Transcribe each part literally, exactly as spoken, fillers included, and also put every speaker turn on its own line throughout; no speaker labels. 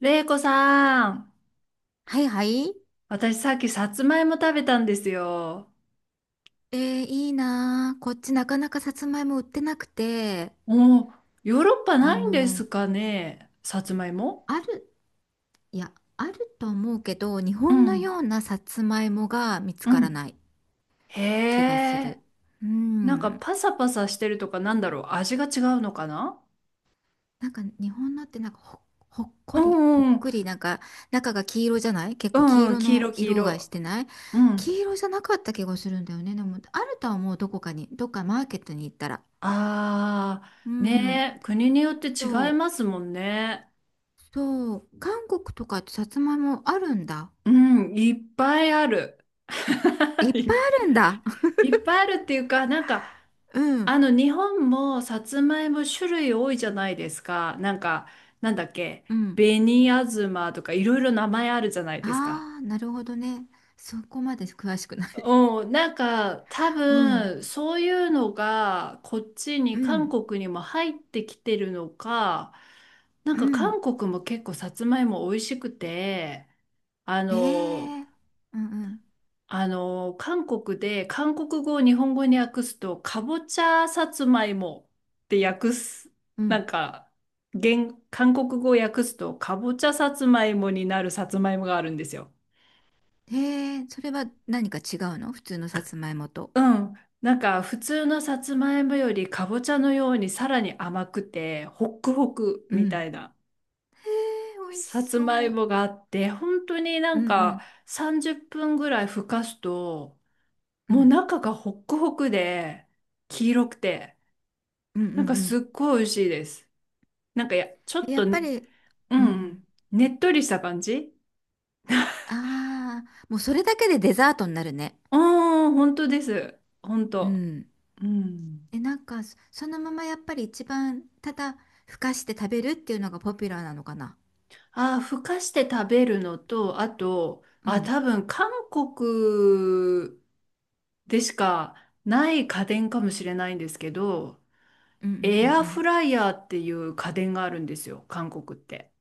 れいこさん、
はいはい。
私さっきさつまいも食べたんですよ。
えー、いいなー。こっちなかなかさつまいも売ってなくて、
おー、ヨーロッパ
あ
ないんです
の、
かね、さつまいも。
ある、いや、あると思うけど、日
う
本の
ん、
ようなさつまいもが見つ
う
から
ん。
ない
へ
気がす
え、
る。う
なんか
ん。
パサパサしてるとかなんだろう、味が違うのかな。
なんか日本のってなんかほ、ほっ
う
こり、ほっ
んうん、
くり、なんか中が黄色じゃない、結
う
構黄
んうん、
色
黄
の
色黄
色が
色。
してない、
うん。
黄色じゃなかった気がするんだよね。でも、あるとは思う、どこかに、どっかマーケットに行ったら。
あ
う
ー、
ん。
ねえ、国によって
そ
違い
う。
ますもんね。
そう、韓国とかってさつまいもあるんだ。
うん、いっぱいある。
い っ
い
ぱいあるんだ。
っぱいあるっていうか、なんか、
うん、
あの、日本もさつまいも種類多いじゃないですか。なんか、なんだっけ、
うん。
紅あずまとかいろいろ名前あるじゃないですか。
ああ、なるほどね。そこまで詳しくない。
うん、なんか多
うん、
分そういうのがこっち
う
に韓
ん、
国にも入ってきてるのか、なん
う
か
ん。
韓国も結構さつまいも美味しくて、あ
え
の、
え、うん、うん、
あの、韓国で韓国語を日本語に訳すと、かぼちゃさつまいもって訳す、
う
なん
ん。
か、現、韓国語を訳すと、かぼちゃさつまいもになるさつまいもがあるんですよ。
ええ、それは何か違うの、普通のさつまいもと。
うん。なんか、普通のさつまいもよりかぼちゃのようにさらに甘くて、ホックホク
う
みた
ん。
いな
へえ、美味し
さつまい
そう。
もがあって、本当にな
うん、
ん
う
か
ん、
さんじゅっぷんぐらいふかすと、
う
もう
ん、
中がホックホクで、黄色くて、
うん、うん、
なんか
う
すっ
ん。
ごい美味しいです。なんかや、ちょ
え、
っ
や
と、う
っぱ
ん、
り、
う
うん、うん。
ん、ねっとりした感じ。
ああ、もうそれだけでデザートになるね。
ああ本当です。本
う
当。
ん。
うん。
え、なんか、そそのままやっぱり一番、ただふかして食べるっていうのがポピュラーなのかな。
ああ、ふかして食べるのと、あと、
う
あ、
ん。
多分韓国でしかない家電かもしれないんですけど、
うんうんう
エアフ
ん
ライヤーっていう家電があるんですよ、韓国って。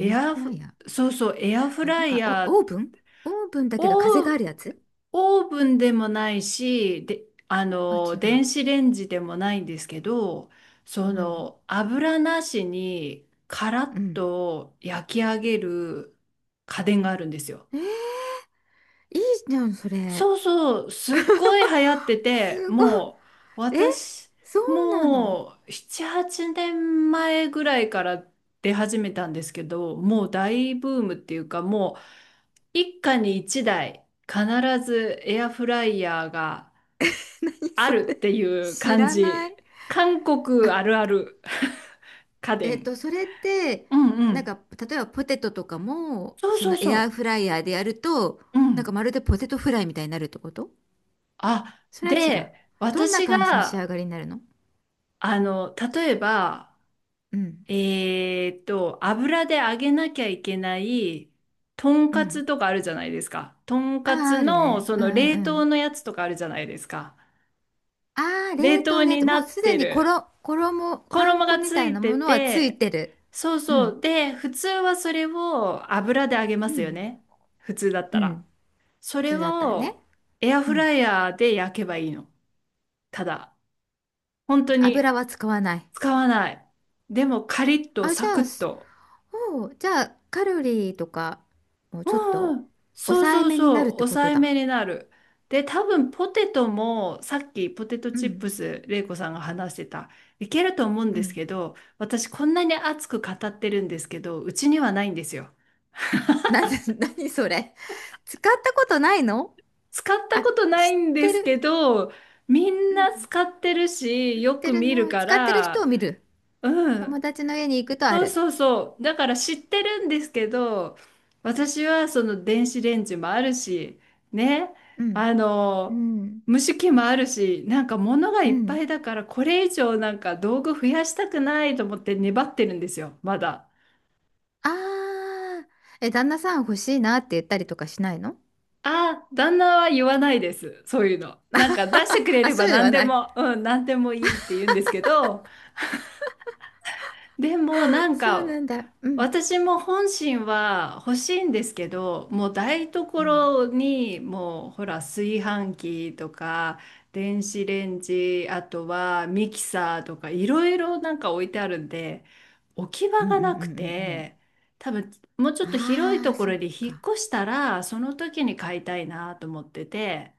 うん。エア
ア
フラ
フ、
イヤー。
そうそう、エアフ
あ、な
ラ
ん
イ
か、
ヤー
お、オーブンオーブンだけど風があ
を、
るやつ。
オーブンでもないし、で、あ
あ、
の、
違う。
電子レンジでもないんですけど、そ
うん。
の、油なしにカラッ
うん。
と焼き上げる家電があるんですよ。
えー、いいじゃん、それ。
そうそう、すっごい流行って
す
て、
ごい。
もう、
え、
私、
そうなの？
もう、なな、はちねんまえぐらいから出始めたんですけど、もう大ブームっていうか、もう、一家に一台必ずエアフライヤーが
何
あ
そ
るっ
れ。
ていう
知
感
らな
じ。
い。
韓国
あ、
あるある 家
えっ
電。
と、それって、
うんう
なん
ん。
か、例えばポテトとかも、
そう
そ
そう
のエアー
そ
フライヤーでやると、
う。う
なんか
ん。
まるでポテトフライみたいになるってこと？
あ、
それは違う。
で、
どんな
私
感じの仕
が、
上がりになるの？
あの、例えば、
うん。
えーっと、油で揚げなきゃいけない、とん
う
かつ
ん。
とかあるじゃないですか。とん
あ
か
あ、
つ
ある
の、
ね。
そ
う
の
んうん
冷
う
凍
ん。
のやつとかあるじゃないですか。
ああ、
冷
冷凍
凍
のや
に
つ。
な
もう
っ
すで
て
に
る。
衣、衣、パン
衣
粉
が
み
つ
たい
い
な
て
ものはつい
て、
てる。
そう
う
そう。
ん。
で、普通はそれを油で揚げま
う
すよ
ん。
ね。普通だっ
う
た
ん。
ら。そ
普
れ
通だったらね。
をエア
う
フ
ん。
ライヤーで焼けばいいの。ただ、本当に
油は使わない。
使わない。でもカリッと
あ、じ
サ
ゃ
ク
あ、
ッ
す
と。
おう、じゃあ、カロリーとか、もう
う
ちょっ
ん
と
うん。そう
抑え
そう
めにな
そ
るっ
う。
てこ
抑
と
え
だ。
めになる。で、多分ポテトもさっきポテト
う
チッ
ん。
プス、れいこさんが話してた。いけると思うん
う
です
ん。
けど、私こんなに熱く語ってるんですけど、うちにはないんですよ。
なんで？なにそれ。使ったことないの？
使った
あ、
ことな
知っ
いんで
て
すけ
る。
ど、みん
う
な
ん、
使ってるし、よ
て
く
る
見
の
る
は、
か
使ってる人を
ら、
見る。
うん。
友達の家に行くとあ
そう
る。
そうそう。だから知ってるんですけど、私はその電子レンジもあるし、ね。
うん。
あ
う
の、
ん。
蒸し器もあるし、なんか物が
う
いっぱ
ん。
いだから、これ以上なんか道具増やしたくないと思って粘ってるんですよ、まだ。
ああ。え、旦那さん欲しいなって言ったりとかしないの？
ああ、旦那は言わないです。そういうの。なんか出してくれ
あ、
れ
そ
ば
ういうの
何
は
で
ない。
も、うん、何でもいいって言うんですけど、でもなん
そう
か
なんだ。うん。
私も本心は欲しいんですけど、もう台
うん。
所にもうほら炊飯器とか電子レンジ、あとはミキサーとかいろいろなんか置いてあるんで、置き
う
場
んう
が
んうんうん
なく
うん。
て、多分もうちょっと広い
あ
と
あ、
こ
そ
ろ
っ
に引っ
か。
越したらその時に買いたいなと思ってて、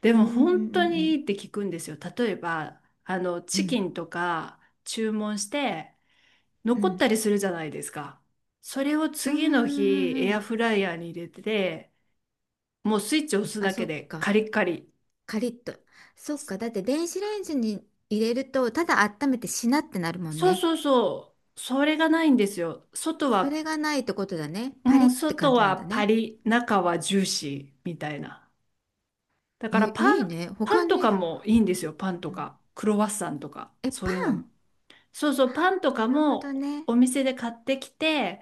で
うん
も
うん
本
う
当にい
ん
いって聞くんですよ。例えばあの
うん
チ
う
キ
ん。
ンとか注文して
う
残っ
ん
たりするじゃないですか。それを
うんう
次の日、
んうんう
エア
ん。
フライヤーに入れて、もうスイッチを押す
あ、
だ
そ
け
っ
でカ
か。
リッカリ。
カリッと。そっか。だって電子レンジに入れると、ただ温めてしなってなるもん
そう
ね。
そうそう。それがないんですよ。外
それ
は、
がないってことだね。
う
パリ
ん、
って
外
感じなんだ
はパ
ね。
リ、中はジューシーみたいな。だ
え、
からパ
いい
ン、
ね。
パ
他
ンと
に、
かもいいんですよ。パンと
うん、
か。クロワッサンとか。
え、
そう
パ
いうのも。
ン。
そうそ
あ
う、パンと
あ、な
か
るほど
も
ね。
お店で買ってきて、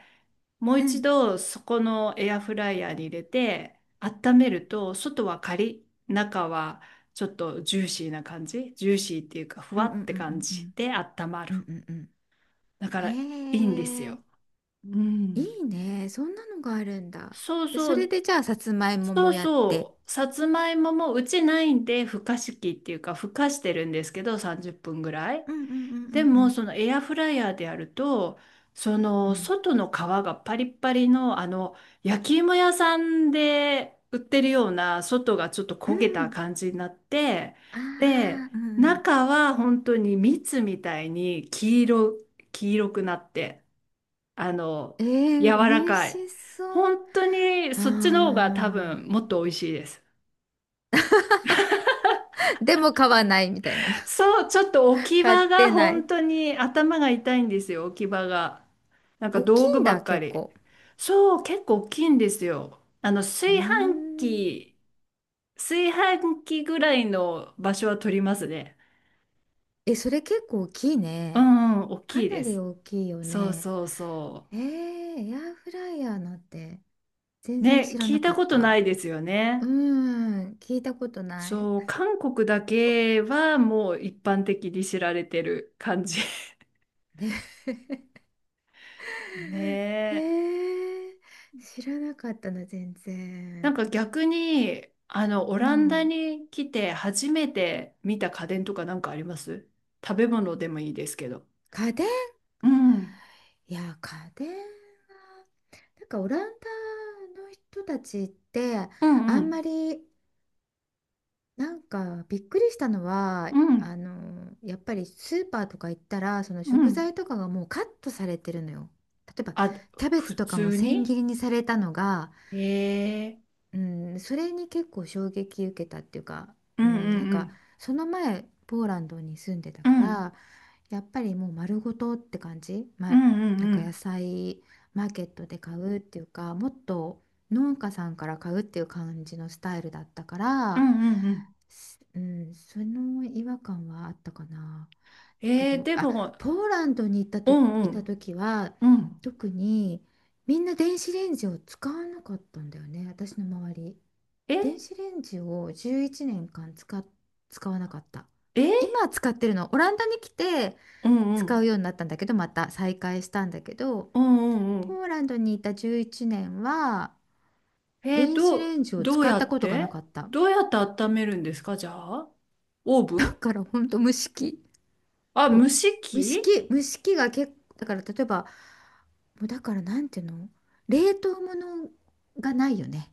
もう
う
一
ん。
度そこのエアフライヤーに入れて温めると、外はカリッ、中はちょっとジューシーな感じ。ジューシーっていうか、ふ
う
わ
んうん
って
うんう
感
んう
じ
ん。
で温まる。
うんうんうん。
だからいいんです
へえ、
よ。う
い
ん。
いね。そんなのがあるんだ。
そう
で、
そ
それ
う、
でじゃあ、さつまいも
そ
も
う
やって。
そう。さつまいももうちないんで、ふかし器っていうか、ふかしてるんですけど、さんじゅっぷんぐらい。
うんうんうんう
で
んう
も
ん。
そのエアフライヤーでやると、そ
う
の
ん。
外の皮がパリッパリの、あの焼き芋屋さんで売ってるような、外がちょっと
う
焦げた
ん。
感じになって、
あ
で
あ、うん。
中は本当に蜜みたいに黄色、黄色くなって、あの
え
柔
ー、
ら
美味
かい、
しそう。
本当に
あ
そっちの方が多分もっと美味しいです。
あ。でも買わないみたいな。
そう、ちょっと置 き
買っ
場が
てない。
本当に頭が痛いんですよ、置き場が。なんか
大きい
道具
ん
ば
だ、
っか
結
り。
構。
そう、結構大きいんですよ。あの、
うー
炊飯
ん。
器、炊飯器ぐらいの場所は取りますね。
え、それ結構大きい
う
ね。
んうん、大
か
きい
な
で
り
す。
大きいよ
そう
ね。
そうそ
えー、エアフライヤーなんて全
う。
然
ね、
知ら
聞
な
い
か
た
っ
ことな
た。
いですよ
うー
ね。
ん、聞いたことない。
そう、韓国だけはもう一般的に知られてる感じ。
ね
ねえ。
へえ、知らなかったな、全
なん
然。
か逆に、あの、オ
う
ランダ
ん。
に来て初めて見た家電とかなんかあります？食べ物でもいいですけど。
家電？
うん。
いや、家電は、なんかオランダの人たちって、
うんう
あんま
ん。
り、なんかびっくりしたのは
うん。
あのやっぱりスーパーとか行ったら、その
う
食
ん。
材とかがもうカットされてるのよ。例えば
あ、
キャベツ
普
とかも
通
千
に、
切りにされたのが、
ええー。
うん、それに結構衝撃受けたっていうか、
う
う
ん
ん、なん
う
か
ん
その前ポーランドに住んでた
うん。
か
うん
ら、やっぱりもう丸ごとって感じ、
う
ま、
んう
なん
んう
か野
ん。
菜マーケットで買うっていうか、もっと農家さんから買うっていう感じのスタイルだったか
うん
ら、
うんうん。
すうん、その違和感はあったかな。だけ
えー、
ど
で
あ
も、
ポーランドに行った
う
と、
んう
いた
ん。
時は、
うん。
特にみんな電子レンジを使わなかったんだよね、私の周り。
え
電
え、
子レンジをじゅういちねんかん使っ、使わなかった。今は使ってるの。オランダに来て
うんう
使う
ん。
ようになったんだけど、また再開したんだけど、
うんうんうん。
ポーランドにいたじゅういちねんは
えー、
電子
ど
レ
う、
ンジを
どう
使っ
や
た
っ
ことがな
て、
かった。
どうやって温めるんですかじゃあ？オーブ
だ
ン？
からほんと蒸し器、
あ、
そ
蒸
う、
し
蒸し
器？
器蒸し器が結構、だから例えば、もうだからなんていうの、冷凍物がないよね。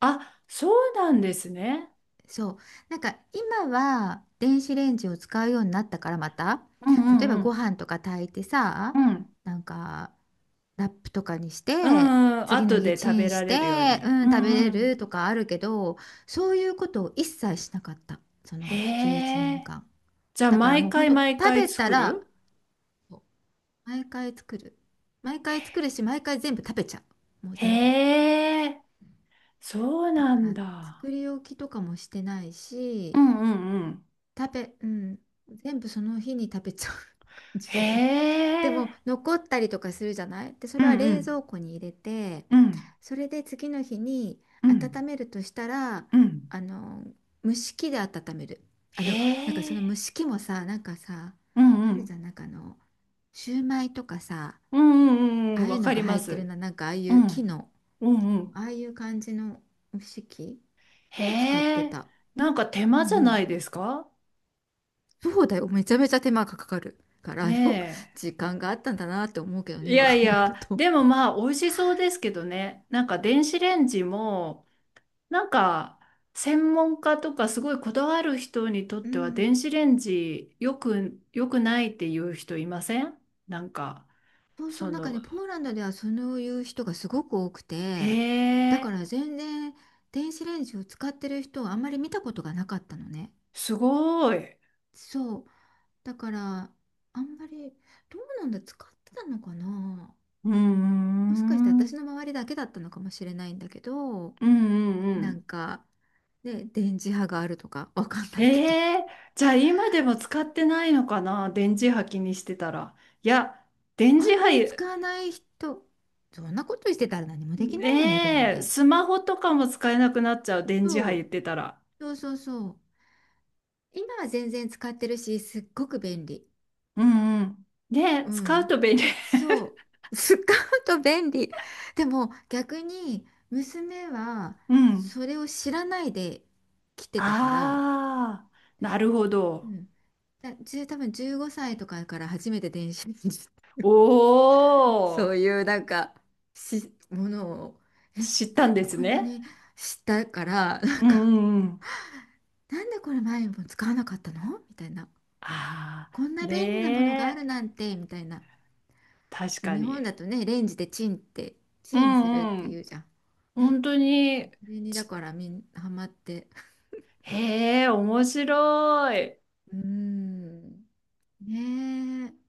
あ、そうなんですね。
そう。なんか今は電子レンジを使うようになったから、また
う
例え
ん
ば
う
ご
ん
飯とか炊いて
う
さ、
ん。うん。
なんかラップとかにし
う
て
んうん、
次の
後
日
で
チ
食べ
ンし
られるよう
て、
に。
う
う
ん、食べ
ん
れ
う
る
ん。
とかあるけど、そういうことを一切しなかった、そ
へ
の11年
え。
間
じゃあ、
だから
毎
もうほん
回
と
毎
食
回
べた
作
ら、
る？
毎回作る毎回作る、し、毎回全部食べちゃうもう全部。
へえ。そう
だ
な
か
ん
ら作
だ。
り置きとかもしてない
う
し、
んうんうん。
食べうん、全部その日に食べちゃう感
へ
じで。でも
え。
残ったりとかするじゃない、でそ
うん
れは
う
冷
ん
蔵庫に入れて、
うん
それで次の日に
うん
温めるとしたら、
うん。
あの蒸し器で温める。あ
へ
の、なんかその
え。
蒸し器もさ、なんかさ、
う
あ
んう
るじ
ん
ゃん、なんかあの、シューマイとかさ、
うんうん
あ
うん。
あい
わ
うの
か
が
りま
入ってる
す。
な、なんかああい
う
う木
ん
の、
うんうん。
ああいう感じの蒸し器を使っ
へ
て
え。
た。
なんか手
う
間
んう
じゃない
ん。
ですか？
そうだよ、めちゃめちゃ手間がかかるから、よく
ね
時間があったんだなって思うけどね、
え。い
今
や
考
い
える
や、
と。
でもまあ、美味しそうですけどね。なんか電子レンジも、なんか、専門家とかすごいこだわる人にとっ
う
ては
ん、
電子レンジよく、よくないっていう人いません？なんか、
そうそう、
そ
なんか
の、
ね、ポーランドではそういう人がすごく多く
へ
て、だから
え、
全然電子レンジを使ってる人をあんまり見たことがなかったのね。
すごい。う
そう。だから、あんまり、どうなんだ、使ってたのかな、
ーん、
もしかして
う
私
ん
の周りだけだったのかもしれないんだけど、
うんう
なん
ん。
か、ね、電磁波があるとかわかんないけど。
へえ、じゃあ今でも使ってないのかな、電磁波気にしてたら。いや、電
あ
磁
んまり
波、
使わない人、そんなことしてたら何もできないよね、でも
ねえ、
ね。
スマホとかも使えなくなっちゃう、電磁波
そ
言
う、
ってたら。
そうそうそう。今は全然使ってるし、すっごく便利。
うんうん。ねえ、
う
使う
ん。
と便利。
そう。使うと便利。でも逆に娘は
うん。
それを知らないで来てたから、
ああ、なるほ
う
ど。
ん。だ、じゅう多分じゅうごさいとかから初めて電子レンジ。
お
そう
ー、
いうなんかしものを、え、
知った
な
ん
ん
で
で
す
こんな
ね。
に、知ったからなん
うんう
か、
んうん。
なんでこれ前にも使わなかったのみたいな、
あ
こん
あ、
な便利なものがあ
ね
る
え、
なんてみたいな。
確
で、
か
日本
に。
だとね、レンジでチンって、
う
チンするっ
んう
てい
ん。
うじゃん。ね。
本当に、
それにだ
ち、
からみんハマって。
へえ、面白い。
うーん。ねえ。